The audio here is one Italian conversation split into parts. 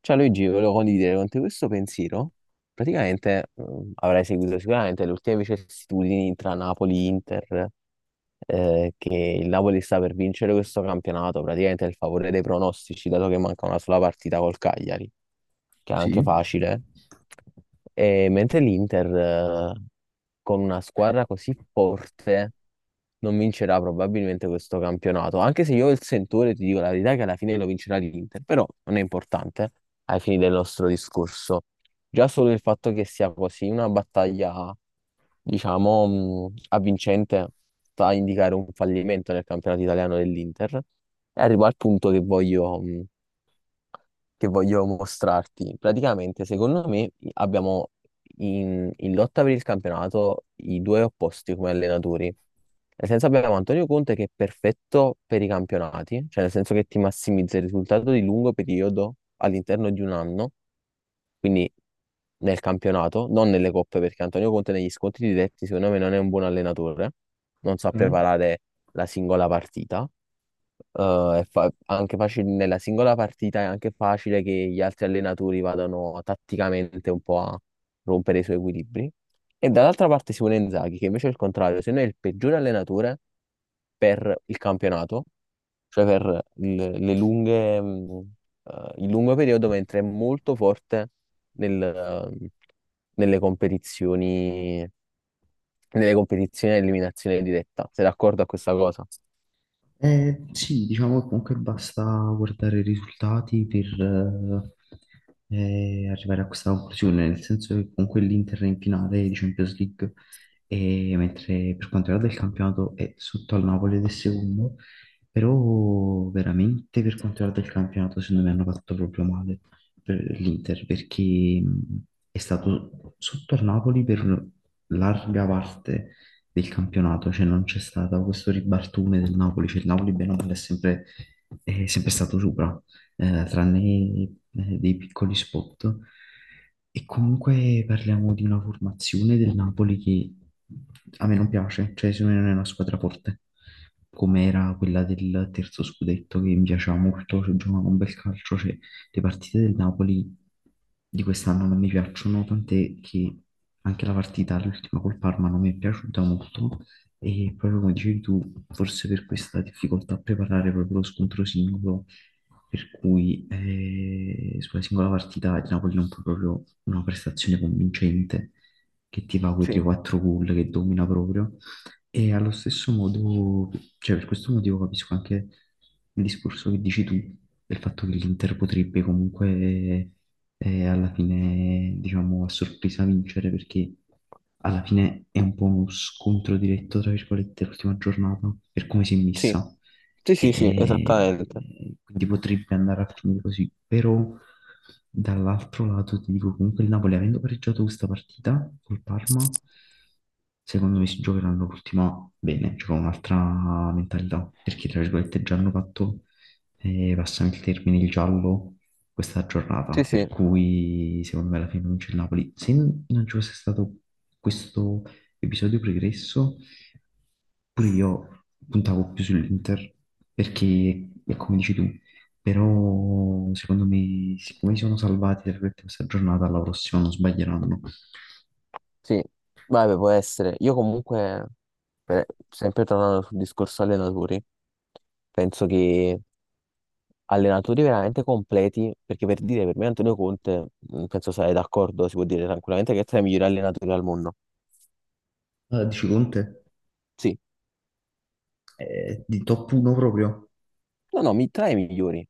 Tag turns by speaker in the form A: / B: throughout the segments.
A: Ciao Luigi, volevo condividere con te questo pensiero. Praticamente avrai seguito sicuramente le ultime vicissitudini tra Napoli e Inter, che il Napoli sta per vincere questo campionato, praticamente è il favore dei pronostici, dato che manca una sola partita col Cagliari, che è anche
B: Sì.
A: facile. E mentre l'Inter, con una squadra così forte non vincerà probabilmente questo campionato. Anche se io il sentore ti dico la verità che alla fine lo vincerà l'Inter, però non è importante ai fini del nostro discorso. Già solo il fatto che sia così una battaglia, diciamo, avvincente sta a indicare un fallimento nel campionato italiano dell'Inter. E arrivo al punto che voglio mostrarti. Praticamente, secondo me, abbiamo in lotta per il campionato i due opposti come allenatori. Nel senso abbiamo Antonio Conte che è perfetto per i campionati, cioè nel senso che ti massimizza il risultato di lungo periodo all'interno di un anno, quindi nel campionato, non nelle coppe, perché Antonio Conte negli scontri diretti secondo me non è un buon allenatore, non sa
B: Ok.
A: preparare la singola partita. Anche facile, nella singola partita è anche facile che gli altri allenatori vadano tatticamente un po' a rompere i suoi equilibri. E dall'altra parte Simone Inzaghi, che invece è il contrario, se no è il peggiore allenatore per il campionato, cioè le lunghe, il lungo periodo, mentre è molto forte nel, ehm, nelle competizioni, nelle competizioni a eliminazione diretta. Sei d'accordo a questa cosa?
B: Sì, diciamo che comunque basta guardare i risultati per arrivare a questa conclusione, nel senso che comunque l'Inter è in finale di Champions League, e mentre per quanto riguarda il campionato è sotto al Napoli ed è secondo, però veramente per quanto riguarda il campionato secondo me hanno fatto proprio male per l'Inter, perché è stato sotto al Napoli per larga parte del campionato, cioè non c'è stato questo ribaltone del Napoli, cioè il Napoli bene o male è sempre stato sopra, tranne dei piccoli spot. E comunque parliamo di una formazione del Napoli che a me non piace, cioè secondo me non è una squadra forte, come era quella del terzo scudetto che mi piaceva molto, cioè giocava un bel calcio, cioè le partite del Napoli di quest'anno non mi piacciono, tant'è che anche la partita, l'ultima col Parma, non mi è piaciuta molto, e proprio come dicevi tu, forse per questa difficoltà a preparare proprio lo scontro singolo, per cui sulla singola partita il Napoli non fa proprio una prestazione convincente che ti fa quei
A: Sì,
B: 3-4 gol che domina proprio. E allo stesso modo, cioè per questo motivo capisco anche il discorso che dici tu, del fatto che l'Inter potrebbe comunque, e alla fine, diciamo, a sorpresa vincere, perché alla fine è un po' uno scontro diretto, tra virgolette, l'ultima giornata per come si è
A: sì,
B: messa.
A: sì, sì, sì,
B: E
A: esattamente.
B: quindi potrebbe andare a finire così, però dall'altro lato ti dico comunque il Napoli, avendo pareggiato questa partita col Parma, secondo me si giocheranno l'ultima bene, cioè con un'altra mentalità, perché tra virgolette già hanno fatto, passami il termine, il giallo questa
A: Sì,
B: giornata, per
A: sì,
B: cui secondo me alla fine vince il Napoli. Se non ci fosse stato questo episodio pregresso, pure io puntavo più sull'Inter, perché è come dici tu, però secondo me, siccome si sono salvati tra virgolette questa giornata, alla prossima non sbaglieranno.
A: sì, vabbè, può essere. Io comunque, sempre tornando sul discorso allenatori, penso che allenatori veramente completi, perché per dire, per me Antonio Conte, penso sarai d'accordo, si può dire tranquillamente che è tra i migliori allenatori al mondo.
B: Allora, dici Conte,
A: Sì,
B: di top 1 proprio?
A: no, no, tra i migliori,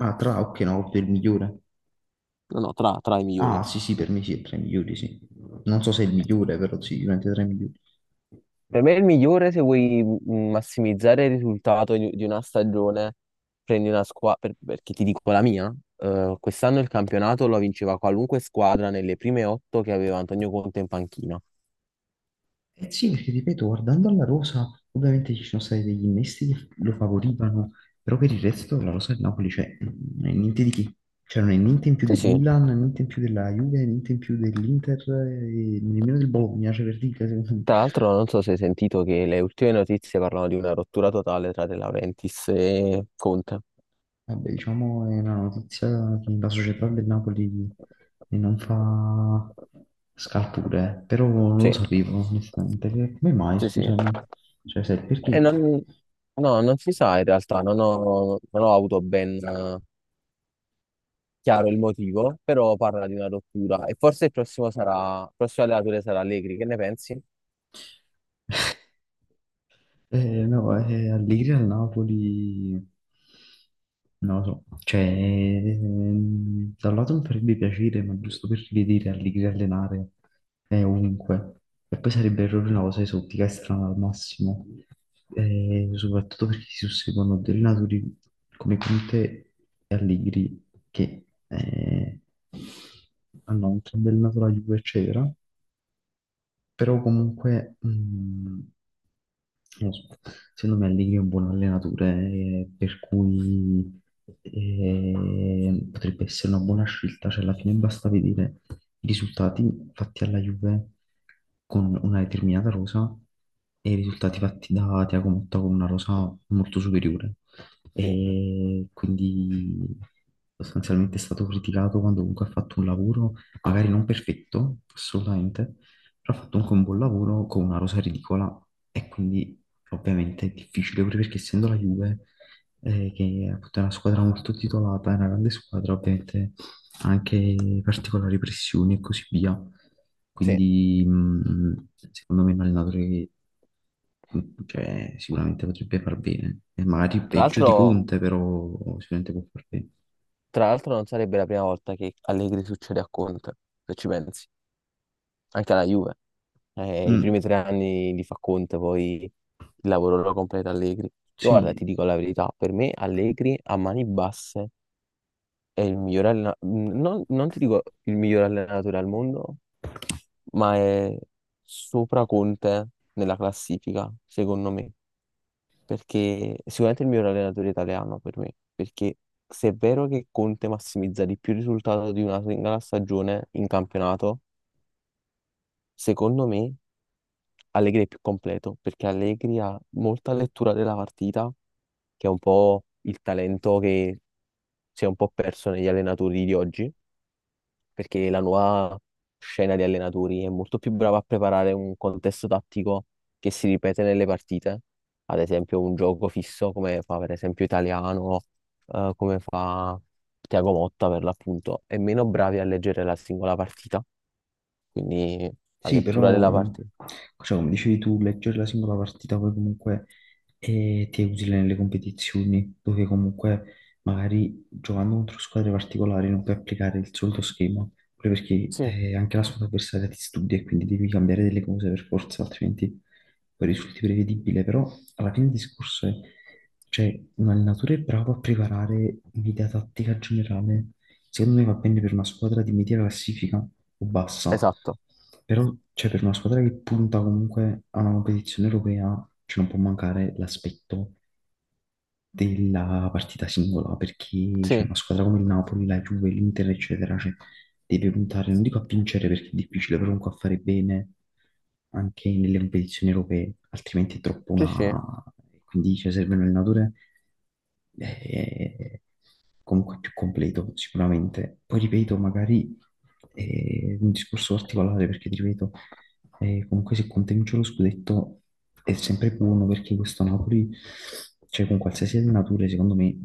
B: Ah, ok, no, Conte è il migliore.
A: no, no, tra i migliori.
B: Ah, sì, sì,
A: Mm.
B: per me sì, è tra i migliori, sì. Non so se è il migliore, però sì, sicuramente tra i migliori.
A: Per me è il migliore se vuoi massimizzare il risultato di una stagione, prendi una squadra, perché ti dico la mia, quest'anno il campionato lo vinceva qualunque squadra nelle prime otto che aveva Antonio Conte in panchina.
B: Eh sì, perché ripeto, guardando alla rosa, ovviamente ci sono stati degli innesti che lo favorivano, però per il resto la rosa del Napoli, cioè, non è niente di che. Cioè, non è niente in più
A: Sì,
B: del
A: sì,
B: Milan, niente in più della Juve, niente in più dell'Inter, e nemmeno del Bologna, cioè per dire, secondo me.
A: tra l'altro non so se hai sentito che le ultime notizie parlano di una rottura totale tra De Laurentiis e Conte.
B: Vabbè, diciamo, è una notizia che la società del Napoli non fa scalpore, però non lo
A: Sì,
B: sapevo, onestamente. Che- Come mai,
A: sì, sì.
B: scusami? Cioè, sai,
A: E
B: perché?
A: non, No, non si sa in realtà, non ho avuto ben chiaro il motivo, però parla di una rottura e forse il prossimo allenatore sarà Allegri, che ne pensi?
B: No, Allegri al Napoli, non lo so, cioè, da un lato mi farebbe piacere, ma giusto per rivedere Allegri allenare è ovunque, e poi sarebbe errore una cosa esotica e strana al massimo. Soprattutto perché si susseguono due allenatori come Conte e Allegri, che hanno un bel nato la Juve, eccetera, però comunque, non lo so, secondo me Allegri è un buon allenatore, per cui potrebbe essere una buona scelta, cioè alla fine basta vedere i risultati fatti alla Juve con una determinata rosa e i risultati fatti da Thiago Motta con una rosa molto superiore.
A: Sì,
B: E quindi sostanzialmente è stato criticato quando comunque ha fatto un lavoro magari non perfetto, assolutamente, però ho fatto comunque un buon lavoro con una rosa ridicola, e quindi ovviamente è difficile pure, perché essendo la Juve, che appunto è una squadra molto titolata, è una grande squadra, ovviamente ha anche particolari pressioni e così via.
A: sì.
B: Quindi secondo me è un allenatore che mh, cioè, sicuramente potrebbe far bene, e magari
A: Tra
B: peggio di
A: l'altro,
B: Conte, però sicuramente può far bene.
A: tra l'altro non sarebbe la prima volta che Allegri succede a Conte, se ci pensi, anche alla Juve. I
B: Mm,
A: primi 3 anni li fa Conte, poi il lavoro lo completa Allegri. Io guarda,
B: sì.
A: ti dico la verità, per me Allegri a mani basse è il miglior allenatore, non ti dico il miglior allenatore al mondo, ma è sopra Conte nella classifica, secondo me, perché sicuramente è il miglior allenatore italiano per me, perché se è vero che Conte massimizza di più il risultato di una singola stagione in campionato, secondo me Allegri è più completo perché Allegri ha molta lettura della partita, che è un po' il talento che si è un po' perso negli allenatori di oggi, perché la nuova scena di allenatori è molto più brava a preparare un contesto tattico che si ripete nelle partite, ad esempio un gioco fisso come fa per esempio Italiano, come fa Tiago Motta per l'appunto, e meno bravi a leggere la singola partita, quindi la
B: Sì,
A: lettura
B: però,
A: della partita.
B: cioè, come dicevi tu, leggere la singola partita poi comunque ti è utile nelle competizioni, dove comunque magari giocando contro squadre particolari non puoi applicare il solito schema, proprio perché
A: Sì,
B: anche la squadra avversaria ti studia e quindi devi cambiare delle cose per forza, altrimenti poi risulti prevedibile. Però alla fine del discorso è, cioè, un allenatore è bravo a preparare un'idea tattica generale. Secondo me va bene per una squadra di media classifica o bassa,
A: esatto.
B: però cioè, per una squadra che punta comunque a una competizione europea, cioè, non può mancare l'aspetto della partita singola, perché c'è
A: Sì,
B: una squadra come il Napoli, la Juve, l'Inter, eccetera, cioè, deve puntare, non dico a vincere perché è difficile, però comunque a fare bene anche nelle competizioni europee, altrimenti è troppo
A: sì, sì,
B: una... Quindi cioè, serve un allenatore eh, comunque più completo, sicuramente. Poi ripeto, magari è un discorso particolare perché, ti ripeto, e comunque se Conte vince lo scudetto è sempre buono, perché questo Napoli, cioè con qualsiasi allenatore, secondo me,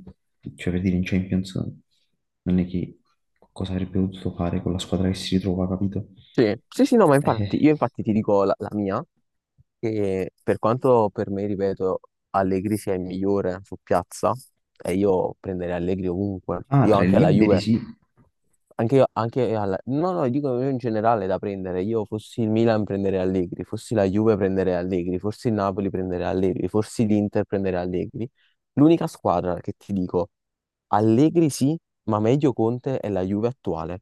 B: cioè per dire in Champions, non è che cosa avrebbe potuto fare con la squadra che si ritrova, capito?
A: sì, sì, sì, no, ma infatti,
B: Eh,
A: io infatti ti dico la mia, che per quanto per me, ripeto, Allegri sia il migliore su piazza, e io prenderei Allegri ovunque,
B: Ah,
A: io
B: tra i
A: anche alla
B: liberi
A: Juve.
B: sì.
A: No, no, dico io in generale da prendere. Io fossi il Milan prenderei Allegri, fossi la Juve prenderei Allegri, fossi il Napoli prenderei Allegri, fossi l'Inter prenderei Allegri. L'unica squadra che ti dico Allegri sì, ma meglio Conte è la Juve attuale,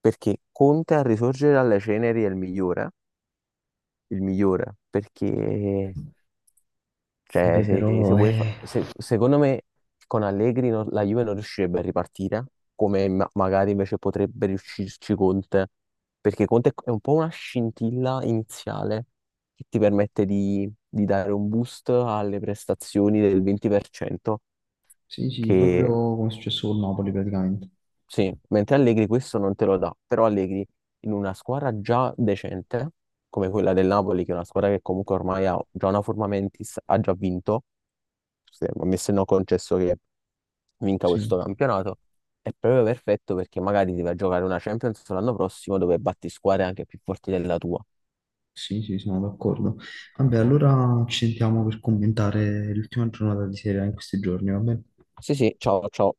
A: perché Conte a risorgere dalle ceneri è il migliore, perché cioè,
B: Vabbè,
A: se
B: però
A: vuoi secondo me con Allegri la Juve non riuscirebbe a ripartire, come magari invece potrebbe riuscirci Conte, perché Conte è un po' una scintilla iniziale che ti permette di dare un boost alle prestazioni del 20%,
B: sì, sì, proprio
A: che
B: come è successo con Napoli praticamente.
A: sì, mentre Allegri questo non te lo dà, però Allegri in una squadra già decente, come quella del Napoli, che è una squadra che comunque ormai ha già una forma mentis, ha già vinto a me se no concesso che vinca
B: Sì,
A: questo campionato, è proprio perfetto perché magari ti vai a giocare una Champions l'anno prossimo dove batti squadre anche più forti della tua.
B: sì, sì, sono d'accordo. Vabbè, allora ci sentiamo per commentare l'ultima giornata di Serie A in questi giorni, va bene?
A: Sì, sì, ciao, ciao.